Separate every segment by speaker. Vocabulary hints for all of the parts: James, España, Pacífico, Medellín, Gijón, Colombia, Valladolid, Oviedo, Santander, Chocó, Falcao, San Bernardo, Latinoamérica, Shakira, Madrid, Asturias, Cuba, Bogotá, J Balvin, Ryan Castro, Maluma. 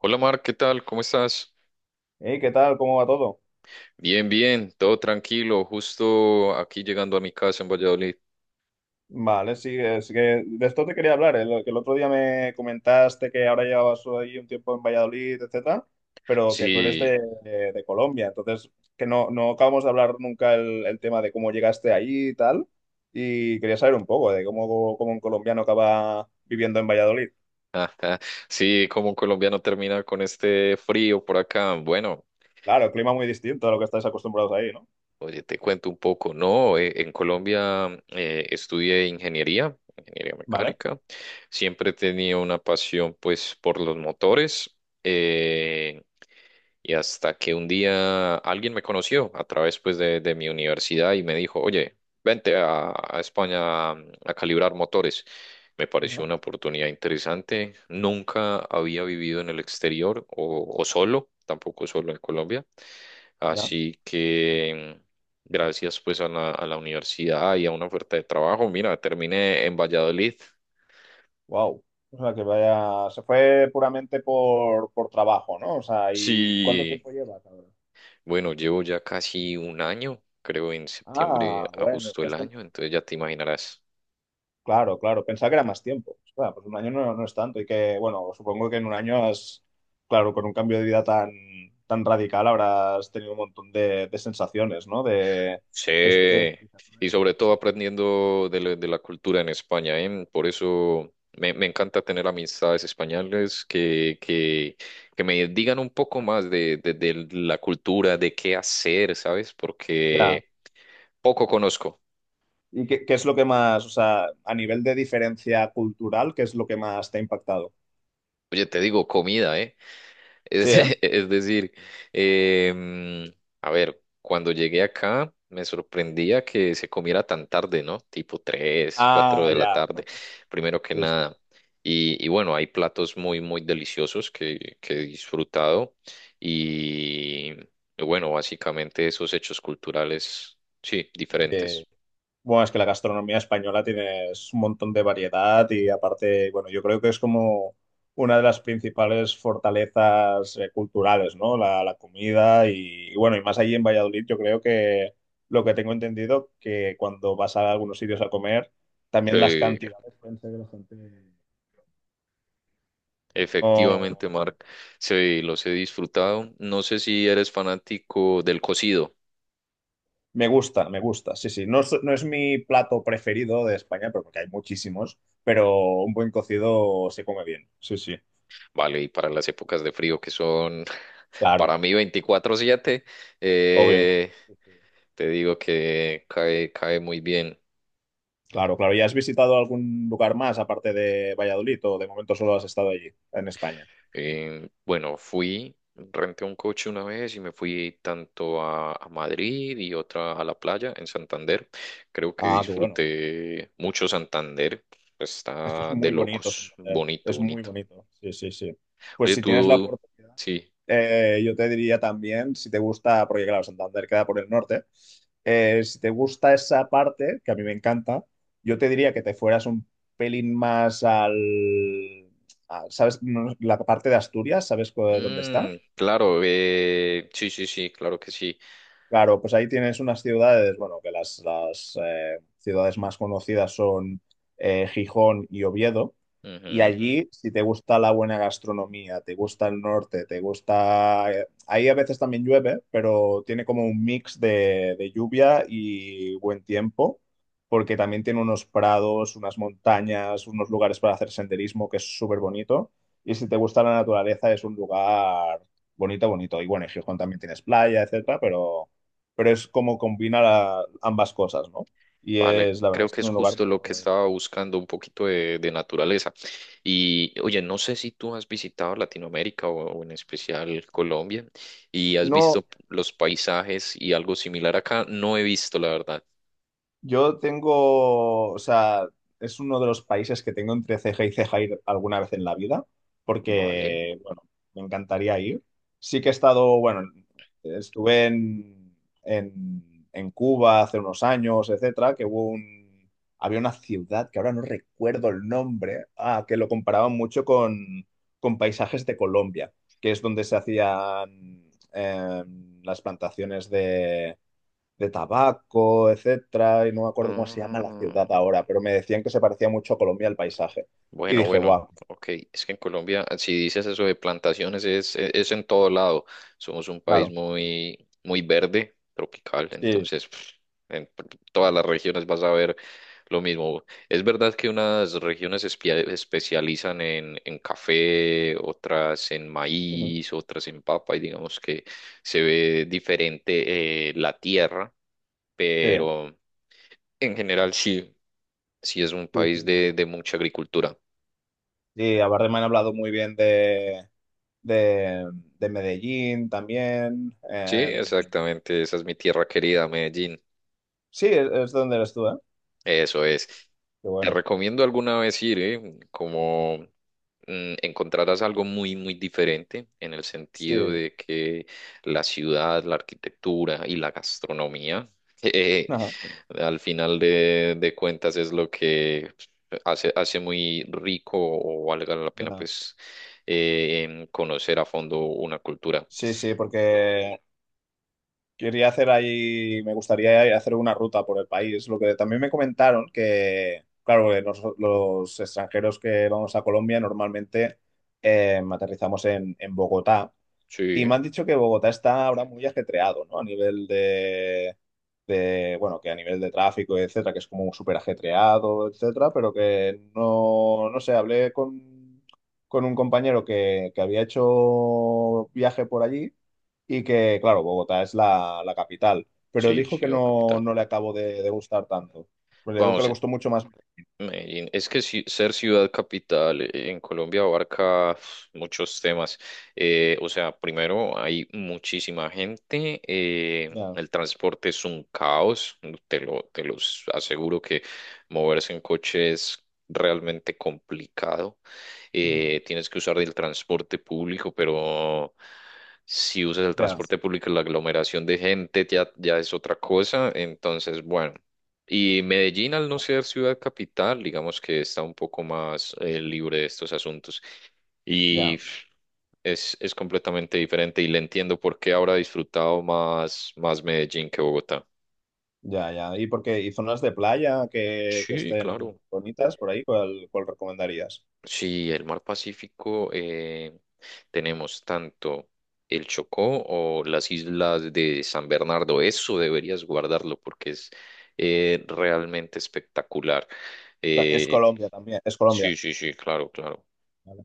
Speaker 1: Hola Mar, ¿qué tal? ¿Cómo estás?
Speaker 2: Hey, ¿qué tal? ¿Cómo va todo?
Speaker 1: Bien, bien, todo tranquilo, justo aquí llegando a mi casa en Valladolid.
Speaker 2: Vale, sí, es que de esto te quería hablar, lo que el otro día me comentaste que ahora llevabas ahí un tiempo en Valladolid, etcétera, pero que tú eres
Speaker 1: Sí,
Speaker 2: de Colombia, entonces que no acabamos de hablar nunca el tema de cómo llegaste ahí y tal, y quería saber un poco de cómo un colombiano acaba viviendo en Valladolid.
Speaker 1: ajá, sí, como un colombiano termina con este frío por acá. Bueno,
Speaker 2: Claro, clima muy distinto a lo que estáis acostumbrados ahí, ¿no?
Speaker 1: oye, te cuento un poco, ¿no? En Colombia estudié ingeniería, ingeniería
Speaker 2: Vale.
Speaker 1: mecánica. Siempre he tenido una pasión, pues, por los motores. Eh, Y hasta que un día alguien me conoció a través pues de mi universidad y me dijo, oye, vente a España a calibrar motores. Me pareció
Speaker 2: Ajá.
Speaker 1: una oportunidad interesante. Nunca había vivido en el exterior o solo, tampoco solo en Colombia.
Speaker 2: Ya.
Speaker 1: Así que gracias pues a la universidad y a una oferta de trabajo. Mira, terminé en Valladolid.
Speaker 2: Wow. O sea, que vaya, se fue puramente por trabajo, ¿no? O sea, ¿y cuánto
Speaker 1: Sí,
Speaker 2: tiempo llevas ahora?
Speaker 1: bueno, llevo ya casi un año, creo en septiembre
Speaker 2: Ah, bueno,
Speaker 1: justo
Speaker 2: no
Speaker 1: el
Speaker 2: es tanto.
Speaker 1: año, entonces ya te imaginarás.
Speaker 2: Claro, claro, pensaba que era más tiempo. Claro, pues un año no es tanto y que, bueno, supongo que en un año has, claro, con un cambio de vida tan, tan radical habrás tenido un montón de sensaciones, ¿no? De exper-
Speaker 1: Sí, y sobre todo aprendiendo de la cultura en España, ¿eh? Por eso me encanta tener amistades españoles que me digan un poco más de la cultura, de qué hacer, ¿sabes?
Speaker 2: ya.
Speaker 1: Porque poco conozco.
Speaker 2: ¿Y qué es lo que más, o sea, a nivel de diferencia cultural, qué es lo que más te ha impactado?
Speaker 1: Oye, te digo, comida, ¿eh?
Speaker 2: Sí,
Speaker 1: Es,
Speaker 2: ¿eh?
Speaker 1: es decir, em, a ver, cuando llegué acá me sorprendía que se comiera tan tarde, ¿no? Tipo tres, 4
Speaker 2: Ah,
Speaker 1: de la
Speaker 2: ya.
Speaker 1: tarde, primero que
Speaker 2: Sí, sí.
Speaker 1: nada. Y bueno, hay platos muy, muy deliciosos que he disfrutado. Y y bueno, básicamente esos hechos culturales, sí,
Speaker 2: Sí.
Speaker 1: diferentes.
Speaker 2: Bueno, es que la gastronomía española tienes un montón de variedad y aparte, bueno, yo creo que es como una de las principales fortalezas culturales, ¿no? La comida y bueno, y más allí en Valladolid, yo creo que lo que tengo entendido, que cuando vas a algunos sitios a comer, también las
Speaker 1: Sí,
Speaker 2: cantidades pueden ser de bastante...
Speaker 1: efectivamente,
Speaker 2: No,
Speaker 1: Mark, sí, los he disfrutado. No sé si eres fanático del cocido.
Speaker 2: me gusta, sí, sí. No, no es mi plato preferido de España, pero porque hay muchísimos, pero un buen cocido se come bien, sí, sí,
Speaker 1: Vale, y para las épocas de frío que son
Speaker 2: claro.
Speaker 1: para mí 24/7
Speaker 2: Obvio.
Speaker 1: eh,
Speaker 2: Sí, sí.
Speaker 1: te digo que cae, cae muy bien.
Speaker 2: Claro, claro. ¿Y has visitado algún lugar más aparte de Valladolid o de momento solo has estado allí, en España?
Speaker 1: Bueno, fui, renté un coche una vez y me fui tanto a Madrid y otra a la playa en Santander. Creo que
Speaker 2: Ah, qué bueno.
Speaker 1: disfruté mucho Santander. Pues
Speaker 2: Es que es
Speaker 1: está de
Speaker 2: muy bonito,
Speaker 1: locos,
Speaker 2: Santander.
Speaker 1: bonito,
Speaker 2: Es muy
Speaker 1: bonito.
Speaker 2: bonito. Sí, sí, sí. Pues
Speaker 1: Oye,
Speaker 2: si tienes la
Speaker 1: tú,
Speaker 2: oportunidad,
Speaker 1: sí.
Speaker 2: yo te diría también, si te gusta, porque claro, Santander queda por el norte, si te gusta esa parte, que a mí me encanta, yo te diría que te fueras un pelín más al... ¿sabes? No, la parte de Asturias, ¿dónde está?
Speaker 1: Mm, claro, sí, sí, sí, claro que sí.
Speaker 2: Claro, pues ahí tienes unas ciudades, bueno, que ciudades más conocidas son Gijón y Oviedo. Y
Speaker 1: Ujú.
Speaker 2: allí, si te gusta la buena gastronomía, te gusta el norte, te gusta... ahí a veces también llueve, pero tiene como un mix de lluvia y buen tiempo, porque también tiene unos prados, unas montañas, unos lugares para hacer senderismo, que es súper bonito. Y si te gusta la naturaleza, es un lugar bonito, bonito. Y bueno, en Gijón también tienes playa, etcétera, pero es como combina ambas cosas, ¿no? Y
Speaker 1: Vale,
Speaker 2: es, la verdad,
Speaker 1: creo
Speaker 2: es
Speaker 1: que
Speaker 2: que es
Speaker 1: es
Speaker 2: un lugar
Speaker 1: justo
Speaker 2: muy,
Speaker 1: lo
Speaker 2: muy
Speaker 1: que
Speaker 2: bonito.
Speaker 1: estaba buscando, un poquito de naturaleza. Y oye, no sé si tú has visitado Latinoamérica o en especial Colombia y has
Speaker 2: No,
Speaker 1: visto los paisajes y algo similar acá. No he visto, la verdad.
Speaker 2: yo tengo, o sea, es uno de los países que tengo entre ceja y ceja ir alguna vez en la vida,
Speaker 1: Vale.
Speaker 2: porque, bueno, me encantaría ir. Sí que he estado, bueno, estuve en Cuba hace unos años, etcétera, que había una ciudad que ahora no recuerdo el nombre, ah, que lo comparaban mucho con paisajes de Colombia, que es donde se hacían las plantaciones de tabaco, etcétera, y no me acuerdo cómo se llama la
Speaker 1: Ah.
Speaker 2: ciudad ahora, pero me decían que se parecía mucho a Colombia el paisaje. Y
Speaker 1: Bueno,
Speaker 2: dije,
Speaker 1: bueno,
Speaker 2: wow,
Speaker 1: ok. Es que en Colombia, si dices eso de plantaciones, es en todo lado. Somos un país
Speaker 2: claro,
Speaker 1: muy, muy verde, tropical,
Speaker 2: sí,
Speaker 1: entonces en p- todas las regiones vas a ver lo mismo. Es verdad que unas regiones especializan en café, otras en
Speaker 2: ujú,
Speaker 1: maíz, otras en papa, y digamos que se ve diferente la tierra,
Speaker 2: sí,
Speaker 1: pero en general sí, sí es un
Speaker 2: sí, sí.
Speaker 1: país de mucha agricultura.
Speaker 2: Sí, aparte me han hablado muy bien de, de Medellín también.
Speaker 1: Sí, exactamente. Esa es mi tierra querida, Medellín.
Speaker 2: Sí, es donde eres tú, ¿eh?
Speaker 1: Eso es.
Speaker 2: Qué
Speaker 1: Te
Speaker 2: bueno.
Speaker 1: recomiendo alguna vez ir, ¿eh? Como encontrarás algo muy, muy diferente en el sentido
Speaker 2: Sí,
Speaker 1: de que la ciudad, la arquitectura y la gastronomía, eh,
Speaker 2: ajá,
Speaker 1: al final de cuentas es lo que hace, hace muy rico o valga la pena,
Speaker 2: ya.
Speaker 1: pues, conocer a fondo una cultura.
Speaker 2: Sí, sí, porque quería hacer ahí, me gustaría hacer una ruta por el país. Lo que también me comentaron que, claro, que los extranjeros que vamos a Colombia normalmente aterrizamos en Bogotá y me
Speaker 1: Sí,
Speaker 2: han dicho que Bogotá está ahora muy ajetreado, ¿no? A nivel de, bueno, que a nivel de tráfico, etcétera, que es como súper ajetreado, etcétera, pero que no, no sé, hablé con un compañero que había hecho viaje por allí y que, claro, Bogotá es la capital, pero
Speaker 1: sí,
Speaker 2: dijo que
Speaker 1: ciudad
Speaker 2: no,
Speaker 1: capital.
Speaker 2: no le acabó de gustar tanto. Pues le digo que le
Speaker 1: Vamos.
Speaker 2: gustó mucho más.
Speaker 1: Medellín. Es que ser ciudad capital en Colombia abarca uf, muchos temas. O sea, primero hay muchísima gente,
Speaker 2: Ya,
Speaker 1: el transporte es un caos, te lo, te los aseguro que moverse en coche es realmente complicado.
Speaker 2: ujú,
Speaker 1: Tienes que usar el transporte público, pero si usas el
Speaker 2: ya,
Speaker 1: transporte público, la aglomeración de gente ya, ya es otra cosa. Entonces, bueno. Y Medellín, al no ser ciudad capital, digamos que está un poco más libre de estos asuntos. Y
Speaker 2: ya,
Speaker 1: es completamente diferente y le entiendo por qué habrá disfrutado más, más Medellín que Bogotá.
Speaker 2: ya, ya. ¿Y porque ¿y zonas de playa que
Speaker 1: Sí,
Speaker 2: estén
Speaker 1: claro.
Speaker 2: bonitas por ahí? ¿Cuál recomendarías?
Speaker 1: Sí, el mar Pacífico tenemos tanto el Chocó o las islas de San Bernardo. Eso deberías guardarlo porque es realmente espectacular.
Speaker 2: Bueno, es
Speaker 1: Eh,
Speaker 2: Colombia también, es Colombia.
Speaker 1: sí, sí, sí, claro, claro.
Speaker 2: Vale,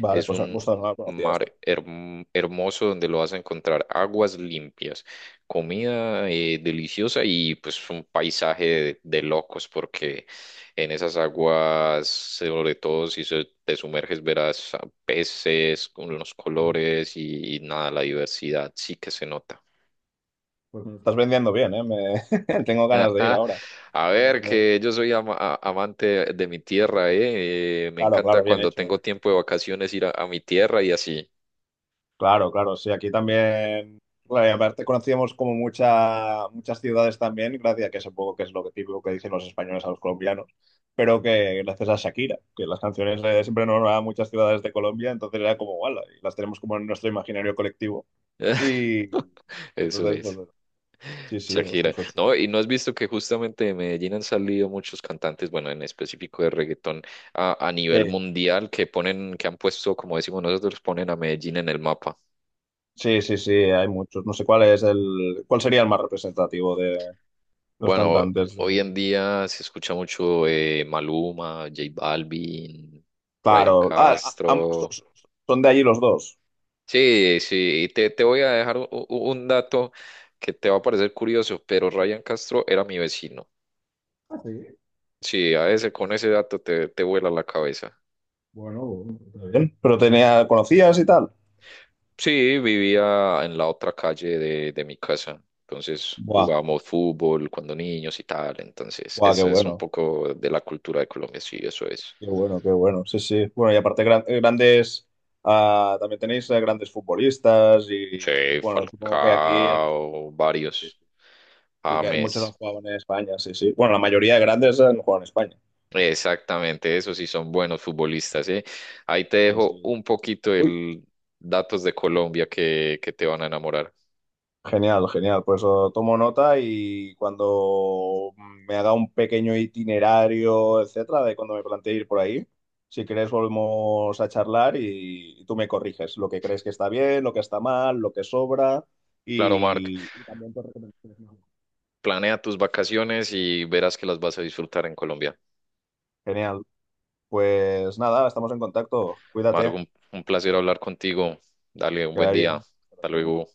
Speaker 2: vale,
Speaker 1: Es
Speaker 2: pues
Speaker 1: un
Speaker 2: justo no la conocía
Speaker 1: mar
Speaker 2: esta.
Speaker 1: hermoso donde lo vas a encontrar aguas limpias, comida deliciosa y pues un paisaje de locos porque en esas aguas, sobre todo si te sumerges, verás peces con los
Speaker 2: Ajá.
Speaker 1: colores y nada, la diversidad sí que se nota.
Speaker 2: Pues me estás vendiendo bien, ¿eh? Me- tengo ganas de ir
Speaker 1: Ajá.
Speaker 2: ahora.
Speaker 1: A
Speaker 2: No-
Speaker 1: ver,
Speaker 2: no-
Speaker 1: que yo soy amante de mi tierra, ¿eh? Me
Speaker 2: claro,
Speaker 1: encanta
Speaker 2: claro, bien
Speaker 1: cuando
Speaker 2: hecho.
Speaker 1: tengo tiempo de vacaciones ir a mi tierra y así.
Speaker 2: Claro, claro, sí, aquí también, claro, y aparte conocíamos como mucha, muchas ciudades también, gracias a que supongo que es lo que típico que dicen los españoles a los colombianos, pero que gracias a Shakira, que las canciones siempre nos a muchas ciudades de Colombia, entonces era como, "Guala", y las tenemos como en nuestro imaginario colectivo. Y
Speaker 1: Eso
Speaker 2: entonces, pues,
Speaker 1: es,
Speaker 2: bueno, sí, sí, o sea,
Speaker 1: Shakira.
Speaker 2: pues,
Speaker 1: No, y no has visto que justamente de Medellín han salido muchos cantantes, bueno, en específico de reggaetón a nivel
Speaker 2: sí,
Speaker 1: mundial que ponen, que han puesto, como decimos nosotros, ponen a Medellín en el mapa.
Speaker 2: sí, sí, sí, hay muchos. No sé cuál es el, cuál sería el más representativo de los
Speaker 1: Bueno,
Speaker 2: cantantes.
Speaker 1: hoy en
Speaker 2: De-
Speaker 1: día se escucha mucho Maluma, J Balvin, Ryan
Speaker 2: claro, ah, ah, am- so-
Speaker 1: Castro.
Speaker 2: so- son de allí los dos.
Speaker 1: Sí, sí, y te voy a dejar un dato que te va a parecer curioso, pero Ryan Castro era mi vecino.
Speaker 2: Ah, sí.
Speaker 1: Sí, a ese, con ese dato te, te vuela la cabeza.
Speaker 2: Bueno, bueno, está bien. Pero tenía, ¿conocías y tal?
Speaker 1: Sí, vivía en la otra calle de mi casa. Entonces
Speaker 2: Buah,
Speaker 1: jugábamos fútbol cuando niños y tal. Entonces,
Speaker 2: buah, qué
Speaker 1: ese es un
Speaker 2: bueno,
Speaker 1: poco de la cultura de Colombia, sí, eso es.
Speaker 2: qué bueno, qué bueno. Sí, sí. Bueno, y aparte grandes, ah, también tenéis grandes futbolistas y
Speaker 1: Sí,
Speaker 2: bueno, supongo que aquí en-
Speaker 1: Falcao,
Speaker 2: sí, sí,
Speaker 1: varios,
Speaker 2: sí que hay muchos que han
Speaker 1: James.
Speaker 2: jugado en España, sí, sí. Bueno, la mayoría de grandes han jugado en España.
Speaker 1: Exactamente, esos sí son buenos futbolistas, ¿eh? Ahí te
Speaker 2: Sí,
Speaker 1: dejo
Speaker 2: sí.
Speaker 1: un poquito
Speaker 2: Uy,
Speaker 1: el datos de Colombia que te van a enamorar.
Speaker 2: genial, genial. Pues oh, tomo nota y cuando me haga un pequeño itinerario, etcétera, de cuando me planteé ir por ahí, si quieres volvemos a charlar y tú me corriges lo que crees que está bien, lo que está mal, lo que sobra
Speaker 1: Claro, Marc.
Speaker 2: y también tus recomendaciones. ¿No?
Speaker 1: Planea tus vacaciones y verás que las vas a disfrutar en Colombia.
Speaker 2: Genial. Pues nada, estamos en contacto.
Speaker 1: Margo,
Speaker 2: Cuídate,
Speaker 1: un placer hablar contigo. Dale un
Speaker 2: que
Speaker 1: buen
Speaker 2: vaya
Speaker 1: día.
Speaker 2: bien. Hasta
Speaker 1: Hasta
Speaker 2: luego.
Speaker 1: luego.